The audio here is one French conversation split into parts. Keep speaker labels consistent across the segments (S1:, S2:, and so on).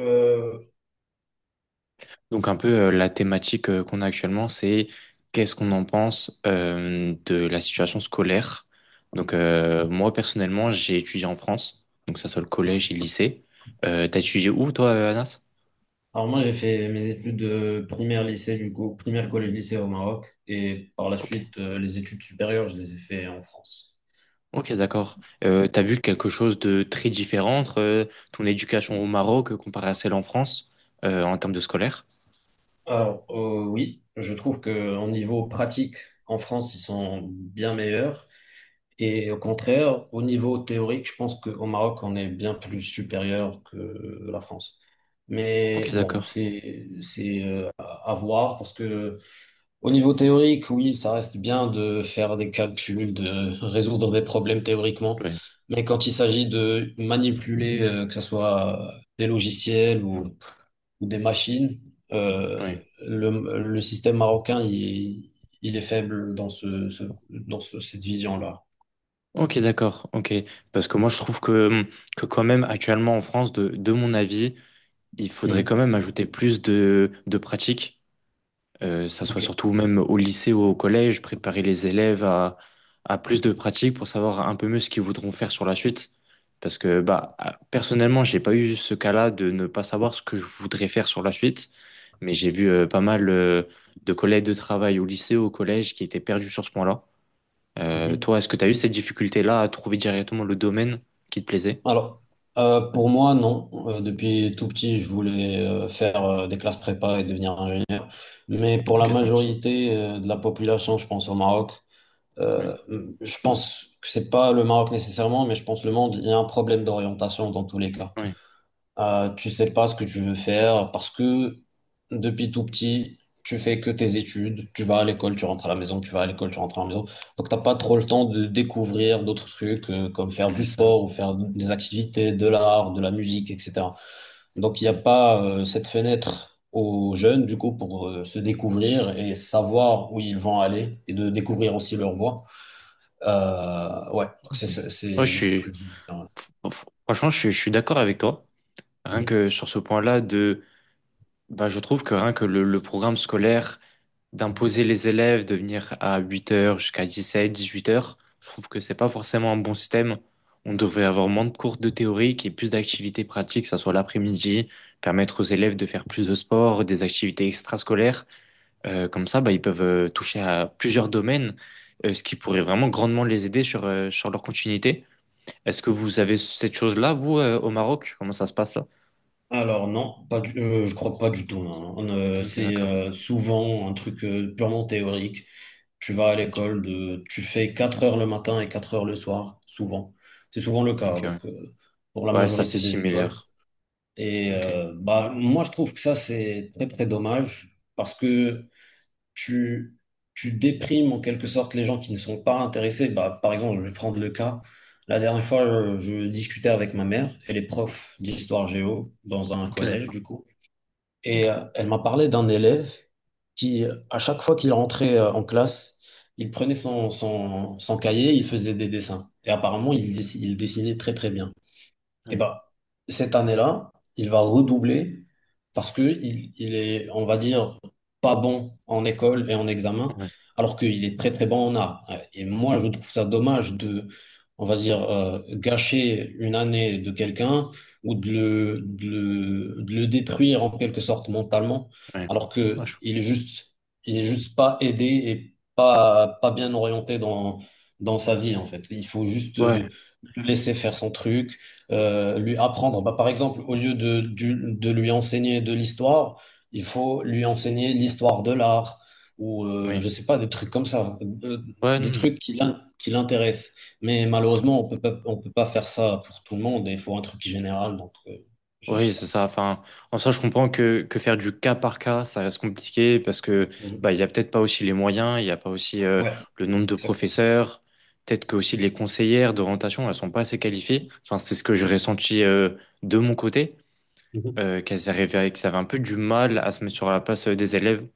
S1: Euh,
S2: Donc un peu la thématique qu'on a actuellement, c'est qu'est-ce qu'on en pense de la situation scolaire. Donc moi personnellement, j'ai étudié en France, donc que ça soit le collège et le lycée. T'as étudié où toi, Anas?
S1: alors, moi, j'ai fait mes études du coup, primaire, collège, lycée au Maroc. Et par la
S2: Ok,
S1: suite, les études supérieures, je les ai fait en France.
S2: ok, d'accord. T'as vu quelque chose de très différent entre ton éducation au Maroc comparée à celle en France en termes de scolaire?
S1: Alors, oui, je trouve que au niveau pratique, en France, ils sont bien meilleurs. Et au contraire, au niveau théorique, je pense qu'au Maroc, on est bien plus supérieur que la France. Mais
S2: Ok,
S1: bon,
S2: d'accord.
S1: c'est à voir parce que. Au niveau théorique, oui, ça reste bien de faire des calculs, de résoudre des problèmes théoriquement,
S2: Oui,
S1: mais quand il s'agit de manipuler, que ce soit des logiciels ou des machines, euh,
S2: oui.
S1: le système marocain, il est faible dans cette vision-là.
S2: Ok, d'accord. Ok, parce que moi je trouve que quand même actuellement en France, de mon avis. Il faudrait quand
S1: Mhm.
S2: même ajouter plus de pratiques, ça soit
S1: Ok.
S2: surtout même au lycée ou au collège, préparer les élèves à plus de pratiques pour savoir un peu mieux ce qu'ils voudront faire sur la suite. Parce que bah, personnellement, j'ai pas eu ce cas-là de ne pas savoir ce que je voudrais faire sur la suite, mais j'ai vu pas mal de collègues de travail au lycée ou au collège qui étaient perdus sur ce point-là.
S1: Mhm.
S2: Toi, est-ce que tu as eu cette difficulté-là à trouver directement le domaine qui te plaisait?
S1: Alors, pour moi, non. Depuis tout petit, je voulais faire des classes prépa et devenir ingénieur. Mais pour
S2: Ok,
S1: la
S2: ça marche.
S1: majorité de la population, je pense au Maroc.
S2: Oui,
S1: euh, je pense que c'est pas le Maroc nécessairement, mais je pense le monde, il y a un problème d'orientation dans tous les cas.
S2: oui,
S1: Tu sais pas ce que tu veux faire parce que depuis tout petit, tu fais que tes études, tu vas à l'école, tu rentres à la maison, tu vas à l'école, tu rentres à la maison. Donc t'as pas trop le temps de découvrir d'autres trucs comme faire
S2: oui,
S1: du
S2: ça.
S1: sport ou faire des activités, de l'art, de la musique, etc. Donc il n'y a
S2: Mm.
S1: pas cette fenêtre aux jeunes du coup pour se découvrir et savoir où ils vont aller et de découvrir aussi leur voie. Ouais, donc
S2: Mm. Ouais,
S1: c'est ce que je voulais
S2: franchement, je suis d'accord avec toi. Rien
S1: dire.
S2: que sur ce point-là, de, bah, je trouve que rien que le programme scolaire d'imposer les élèves de venir à 8 heures jusqu'à 17, 18 heures, je trouve que c'est pas forcément un bon système. On devrait avoir moins de cours de théorie et plus d'activités pratiques, que ça soit l'après-midi, permettre aux élèves de faire plus de sport, des activités extrascolaires. Comme ça, bah, ils peuvent toucher à plusieurs domaines, ce qui pourrait vraiment grandement les aider sur, sur leur continuité. Est-ce que vous avez cette chose-là, vous, au Maroc? Comment ça se passe là?
S1: Alors non, pas du, je crois pas du tout. Non. On, euh,
S2: Ok,
S1: c'est
S2: d'accord.
S1: souvent un truc purement théorique. Tu vas à
S2: Ok,
S1: l'école, tu fais 4 heures le matin et 4 heures le soir, souvent. C'est souvent le cas
S2: ok, ouais.
S1: donc, pour la
S2: Ouais, ça c'est
S1: majorité des écoles.
S2: similaire.
S1: Et
S2: Ok,
S1: bah, moi, je trouve que ça, c'est très, très dommage parce que tu, tu déprimes en quelque sorte les gens qui ne sont pas intéressés. Bah, par exemple, je vais prendre le cas. La dernière fois, je discutais avec ma mère, elle est prof d'histoire géo dans un
S2: ok,
S1: collège,
S2: d'accord.
S1: du coup.
S2: Ok,
S1: Et elle m'a parlé d'un élève qui, à chaque fois qu'il rentrait en classe, il prenait son cahier, il faisait des dessins. Et apparemment, il dessinait très très bien. Et
S2: ouais,
S1: ben, cette année-là, il va redoubler parce que il est, on va dire, pas bon en école et en examen,
S2: ouais,
S1: alors qu'il est très très bon en art. Et moi, je trouve ça dommage de, on va dire, gâcher une année de quelqu'un ou de le détruire en quelque sorte mentalement,
S2: ouais.
S1: alors que
S2: Ouais,
S1: il est juste pas aidé et pas bien orienté dans sa vie, en fait. Il faut juste
S2: ouais,
S1: le laisser faire son truc lui apprendre. Bah, par exemple, au lieu de lui enseigner de l'histoire, il faut lui enseigner l'histoire de l'art ou
S2: oui.
S1: je sais pas, des trucs comme ça, euh,
S2: Ouais, non,
S1: des
S2: non.
S1: trucs qui l'intéressent. Mais
S2: C'est ça.
S1: malheureusement, on peut pas faire ça pour tout le monde et il faut un truc général. Donc, je sais
S2: Oui,
S1: pas.
S2: c'est ça. Enfin, en soi, je comprends que faire du cas par cas, ça reste compliqué parce que
S1: Mhm.
S2: bah, il n'y a peut-être pas aussi les moyens, il n'y a pas aussi
S1: Ouais,
S2: le nombre de
S1: exactement.
S2: professeurs. Peut-être que aussi les conseillères d'orientation, elles sont pas assez qualifiées. Enfin, c'est ce que j'ai ressenti de mon côté.
S1: Mhm.
S2: Qu'elles arrivaient, qu'elles avaient un peu du mal à se mettre sur la place des élèves.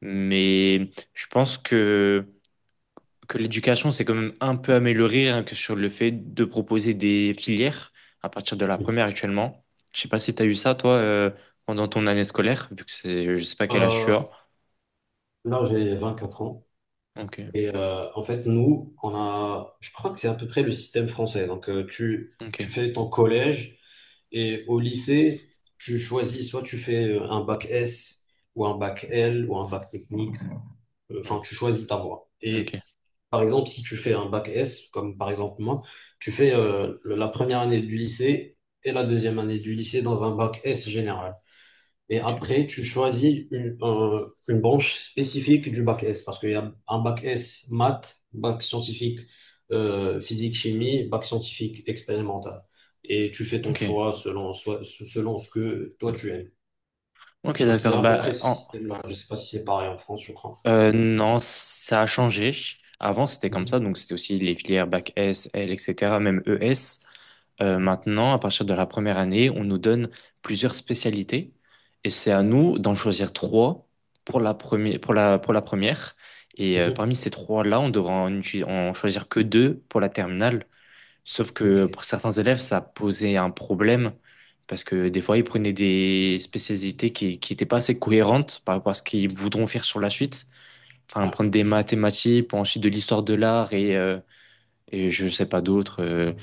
S2: Mais je pense que l'éducation s'est quand même un peu améliorée rien que sur le fait de proposer des filières à partir de la
S1: Mhm.
S2: première actuellement. Je sais pas si tu as eu ça, toi, pendant ton année scolaire, vu que c'est, je sais pas quel âge tu
S1: Euh,
S2: as.
S1: Là, j'ai 24 ans.
S2: Ok,
S1: Et en fait, nous, on a, je crois que c'est à peu près le système français. Donc, tu,
S2: ok,
S1: tu fais ton collège et au lycée, tu choisis soit tu fais un bac S ou un bac L ou un bac technique.
S2: ouais,
S1: Enfin, tu choisis ta voie.
S2: ok,
S1: Et par exemple, si tu fais un bac S, comme par exemple moi, tu fais la première année du lycée et la deuxième année du lycée dans un bac S général. Et
S2: ok,
S1: après, tu choisis une branche spécifique du bac S, parce qu'il y a un bac S maths, bac scientifique physique chimie, bac scientifique expérimental. Et tu fais ton
S2: ok.
S1: choix selon ce que toi tu aimes.
S2: Ok,
S1: Donc il y
S2: d'accord.
S1: a à peu près
S2: Bah,
S1: ce
S2: en,
S1: système-là. Je ne sais pas si c'est pareil en France, je crois.
S2: Non, ça a changé. Avant, c'était comme ça,
S1: Mhm.
S2: donc c'était aussi les filières bac S, L, etc., même ES. Maintenant, à partir de la première année, on nous donne plusieurs spécialités et c'est à nous d'en choisir trois pour la première, pour la première. Et
S1: Mhm.
S2: parmi ces trois-là, on devra en, en choisir que deux pour la terminale. Sauf
S1: Ok.
S2: que pour certains élèves, ça posait un problème parce que des fois, ils prenaient des spécialités qui n'étaient pas assez cohérentes par rapport à ce qu'ils voudront faire sur la suite, enfin
S1: Ouais.
S2: prendre des mathématiques, puis ensuite de l'histoire de l'art et je sais pas d'autres.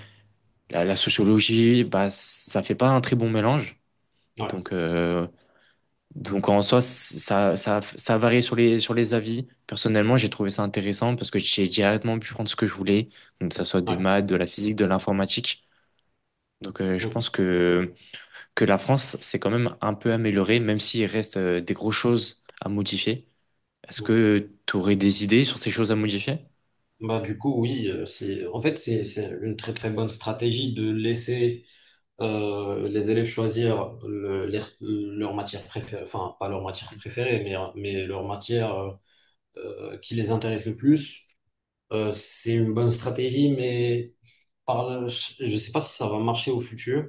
S2: La, la sociologie, bah ça fait pas un très bon mélange.
S1: Ouais.
S2: Donc euh, donc en soi ça varie sur les avis. Personnellement, j'ai trouvé ça intéressant parce que j'ai directement pu prendre ce que je voulais, donc que ça soit des
S1: Ouais.
S2: maths, de la physique, de l'informatique. Donc je
S1: Mhm.
S2: pense que la France s'est quand même un peu améliorée, même s'il reste des grosses choses à modifier. Est-ce que tu aurais des idées sur ces choses à modifier?
S1: Bah, du coup, oui, en fait, c'est une très très bonne stratégie de laisser les élèves choisir leur matière préférée, enfin pas leur matière préférée, mais leur matière qui les intéresse le plus. C'est une bonne stratégie, mais je ne sais pas si ça va marcher au futur.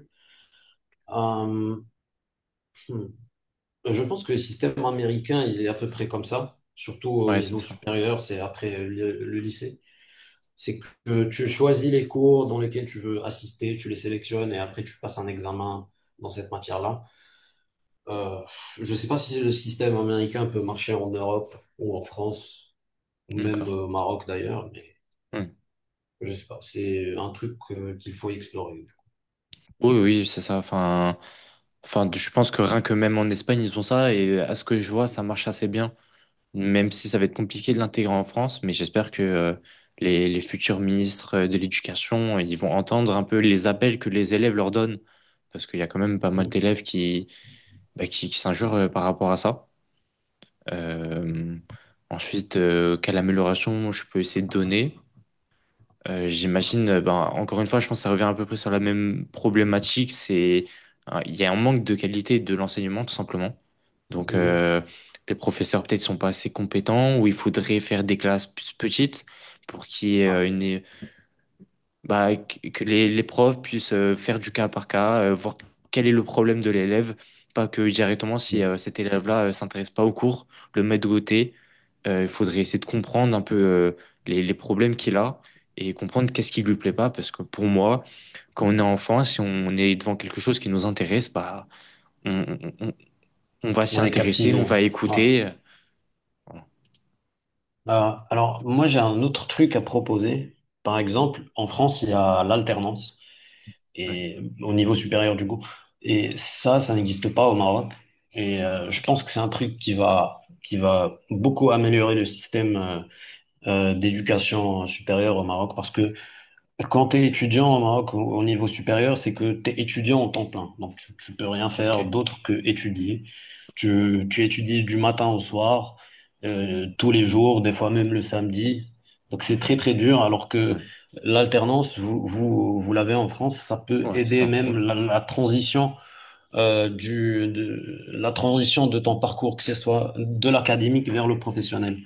S1: Euh, hmm. Je pense que le système américain, il est à peu près comme ça, surtout au
S2: Ouais, c'est
S1: niveau
S2: ça.
S1: supérieur, c'est après le lycée. C'est que tu choisis les cours dans lesquels tu veux assister, tu les sélectionnes et après tu passes un examen dans cette matière-là. Euh, je ne sais pas si le système américain peut marcher en Europe ou en France, ou même
S2: D'accord.
S1: au Maroc d'ailleurs, mais
S2: Hmm.
S1: je sais pas. C'est un truc qu'il faut explorer.
S2: Oui, oui, c'est ça. Enfin, enfin, je pense que rien que même en Espagne, ils ont ça. Et à ce que je vois, ça marche assez bien. Même si ça va être compliqué de l'intégrer en France. Mais j'espère que les futurs ministres de l'éducation, ils vont entendre un peu les appels que les élèves leur donnent. Parce qu'il y a quand même pas mal
S1: Mhm.
S2: d'élèves qui, bah, qui s'injurent par rapport à ça. Euh, Ensuite, quelle amélioration je peux essayer de donner? J'imagine, ben, encore une fois, je pense que ça revient à peu près sur la même problématique. C'est, il y a un manque de qualité de l'enseignement, tout simplement. Donc,
S1: Mhm.
S2: les professeurs peut-être sont pas assez compétents ou il faudrait faire des classes plus petites pour qu'il y ait
S1: Ouais.
S2: une, bah, que les profs puissent faire du cas par cas, voir quel est le problème de l'élève, pas que directement si cet élève-là s'intéresse pas au cours, le mettre de côté. Il faudrait essayer de comprendre un peu les problèmes qu'il a et comprendre qu'est-ce qui lui plaît pas, parce que pour moi, quand on est enfant, si on est devant quelque chose qui nous intéresse, bah, on, on va s'y
S1: On est
S2: intéresser, on
S1: captivé, hein.
S2: va
S1: Ouais.
S2: écouter. Voilà.
S1: Alors, moi, j'ai un autre truc à proposer. Par exemple, en France, il y a l'alternance.
S2: Oui,
S1: Et au niveau supérieur du coup. Et ça n'existe pas au Maroc. Et je
S2: ok,
S1: pense que c'est un truc qui va beaucoup améliorer le système d'éducation supérieure au Maroc parce que quand tu es étudiant au Maroc au niveau supérieur, c'est que tu es étudiant en temps plein. Donc tu peux rien
S2: ok,
S1: faire d'autre que étudier. Tu étudies du matin au soir, tous les jours, des fois même le samedi. Donc c'est très très dur, alors que
S2: ouais,
S1: l'alternance, vous l'avez en France, ça peut
S2: ouais, c'est
S1: aider
S2: ça, oui,
S1: même la transition la transition de ton parcours, que ce soit de l'académique vers le professionnel.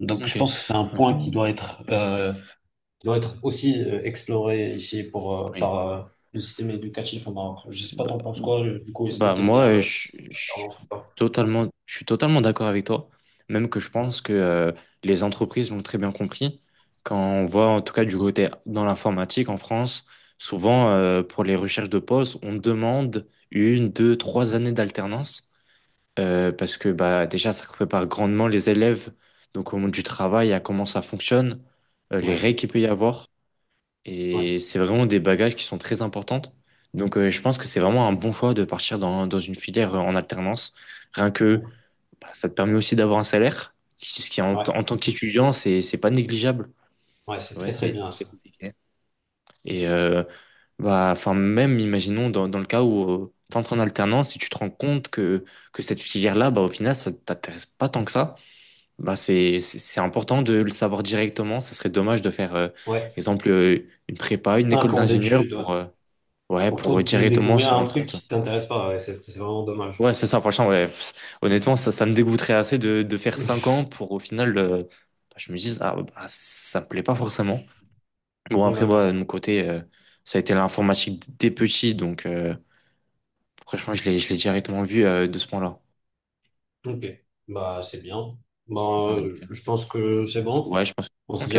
S1: Donc je
S2: ok,
S1: pense que c'est un
S2: ouais,
S1: point qui doit être aussi exploré ici par
S2: oui.
S1: le système éducatif au Maroc. Je sais pas, t'en
S2: Bah,
S1: penses quoi, du coup, est-ce que
S2: bah
S1: t'aimes
S2: moi
S1: bien le
S2: je,
S1: système d'alternance ou pas?
S2: je suis totalement d'accord avec toi, même que je pense que les entreprises l'ont très bien compris, quand on voit en tout cas du côté dans l'informatique en France, souvent pour les recherches de postes on demande 1, 2, 3 années d'alternance, parce que bah déjà ça prépare grandement les élèves donc au monde du travail, à comment ça fonctionne, les
S1: Ouais,
S2: règles qu'il peut y avoir,
S1: ouais,
S2: et c'est vraiment des bagages qui sont très importantes. Donc, je pense que c'est vraiment un bon choix de partir dans, dans une filière en alternance. Rien que,
S1: mm,
S2: bah, ça te permet aussi d'avoir un salaire, ce qui en, en
S1: ouais,
S2: tant qu'étudiant, c'est pas négligeable.
S1: ouais,
S2: Parce
S1: c'est
S2: que ouais,
S1: très très bien
S2: c'est
S1: ça.
S2: compliqué.
S1: Mm.
S2: Et bah, enfin, même imaginons dans, dans le cas où tu entres en alternance et tu te rends compte que cette filière-là, bah, au final, ça t'intéresse pas tant que ça. Bah c'est important de le savoir directement. Ça serait dommage de faire,
S1: Ouais,
S2: exemple, une prépa, une
S1: cinq
S2: école
S1: ans
S2: d'ingénieur
S1: d'études, ouais.
S2: pour, ouais,
S1: Pour
S2: pour
S1: tout
S2: directement
S1: découvrir
S2: se
S1: un
S2: rendre
S1: truc
S2: compte.
S1: qui t'intéresse pas, ouais, c'est vraiment dommage.
S2: Ouais, c'est ça, franchement, ouais. Pff, honnêtement, ça me dégoûterait assez de faire 5 ans pour au final, bah, je me dis, ah, bah, ça me plaît pas forcément. Bon,
S1: Mm,
S2: après, moi,
S1: d'accord,
S2: de mon côté, ça a été l'informatique dès petit, donc franchement, je l'ai directement vu de ce point-là.
S1: ok, bah c'est bien. Bah, je pense que c'est bon.
S2: Ouais, je pense.
S1: On se dit au
S2: Ok,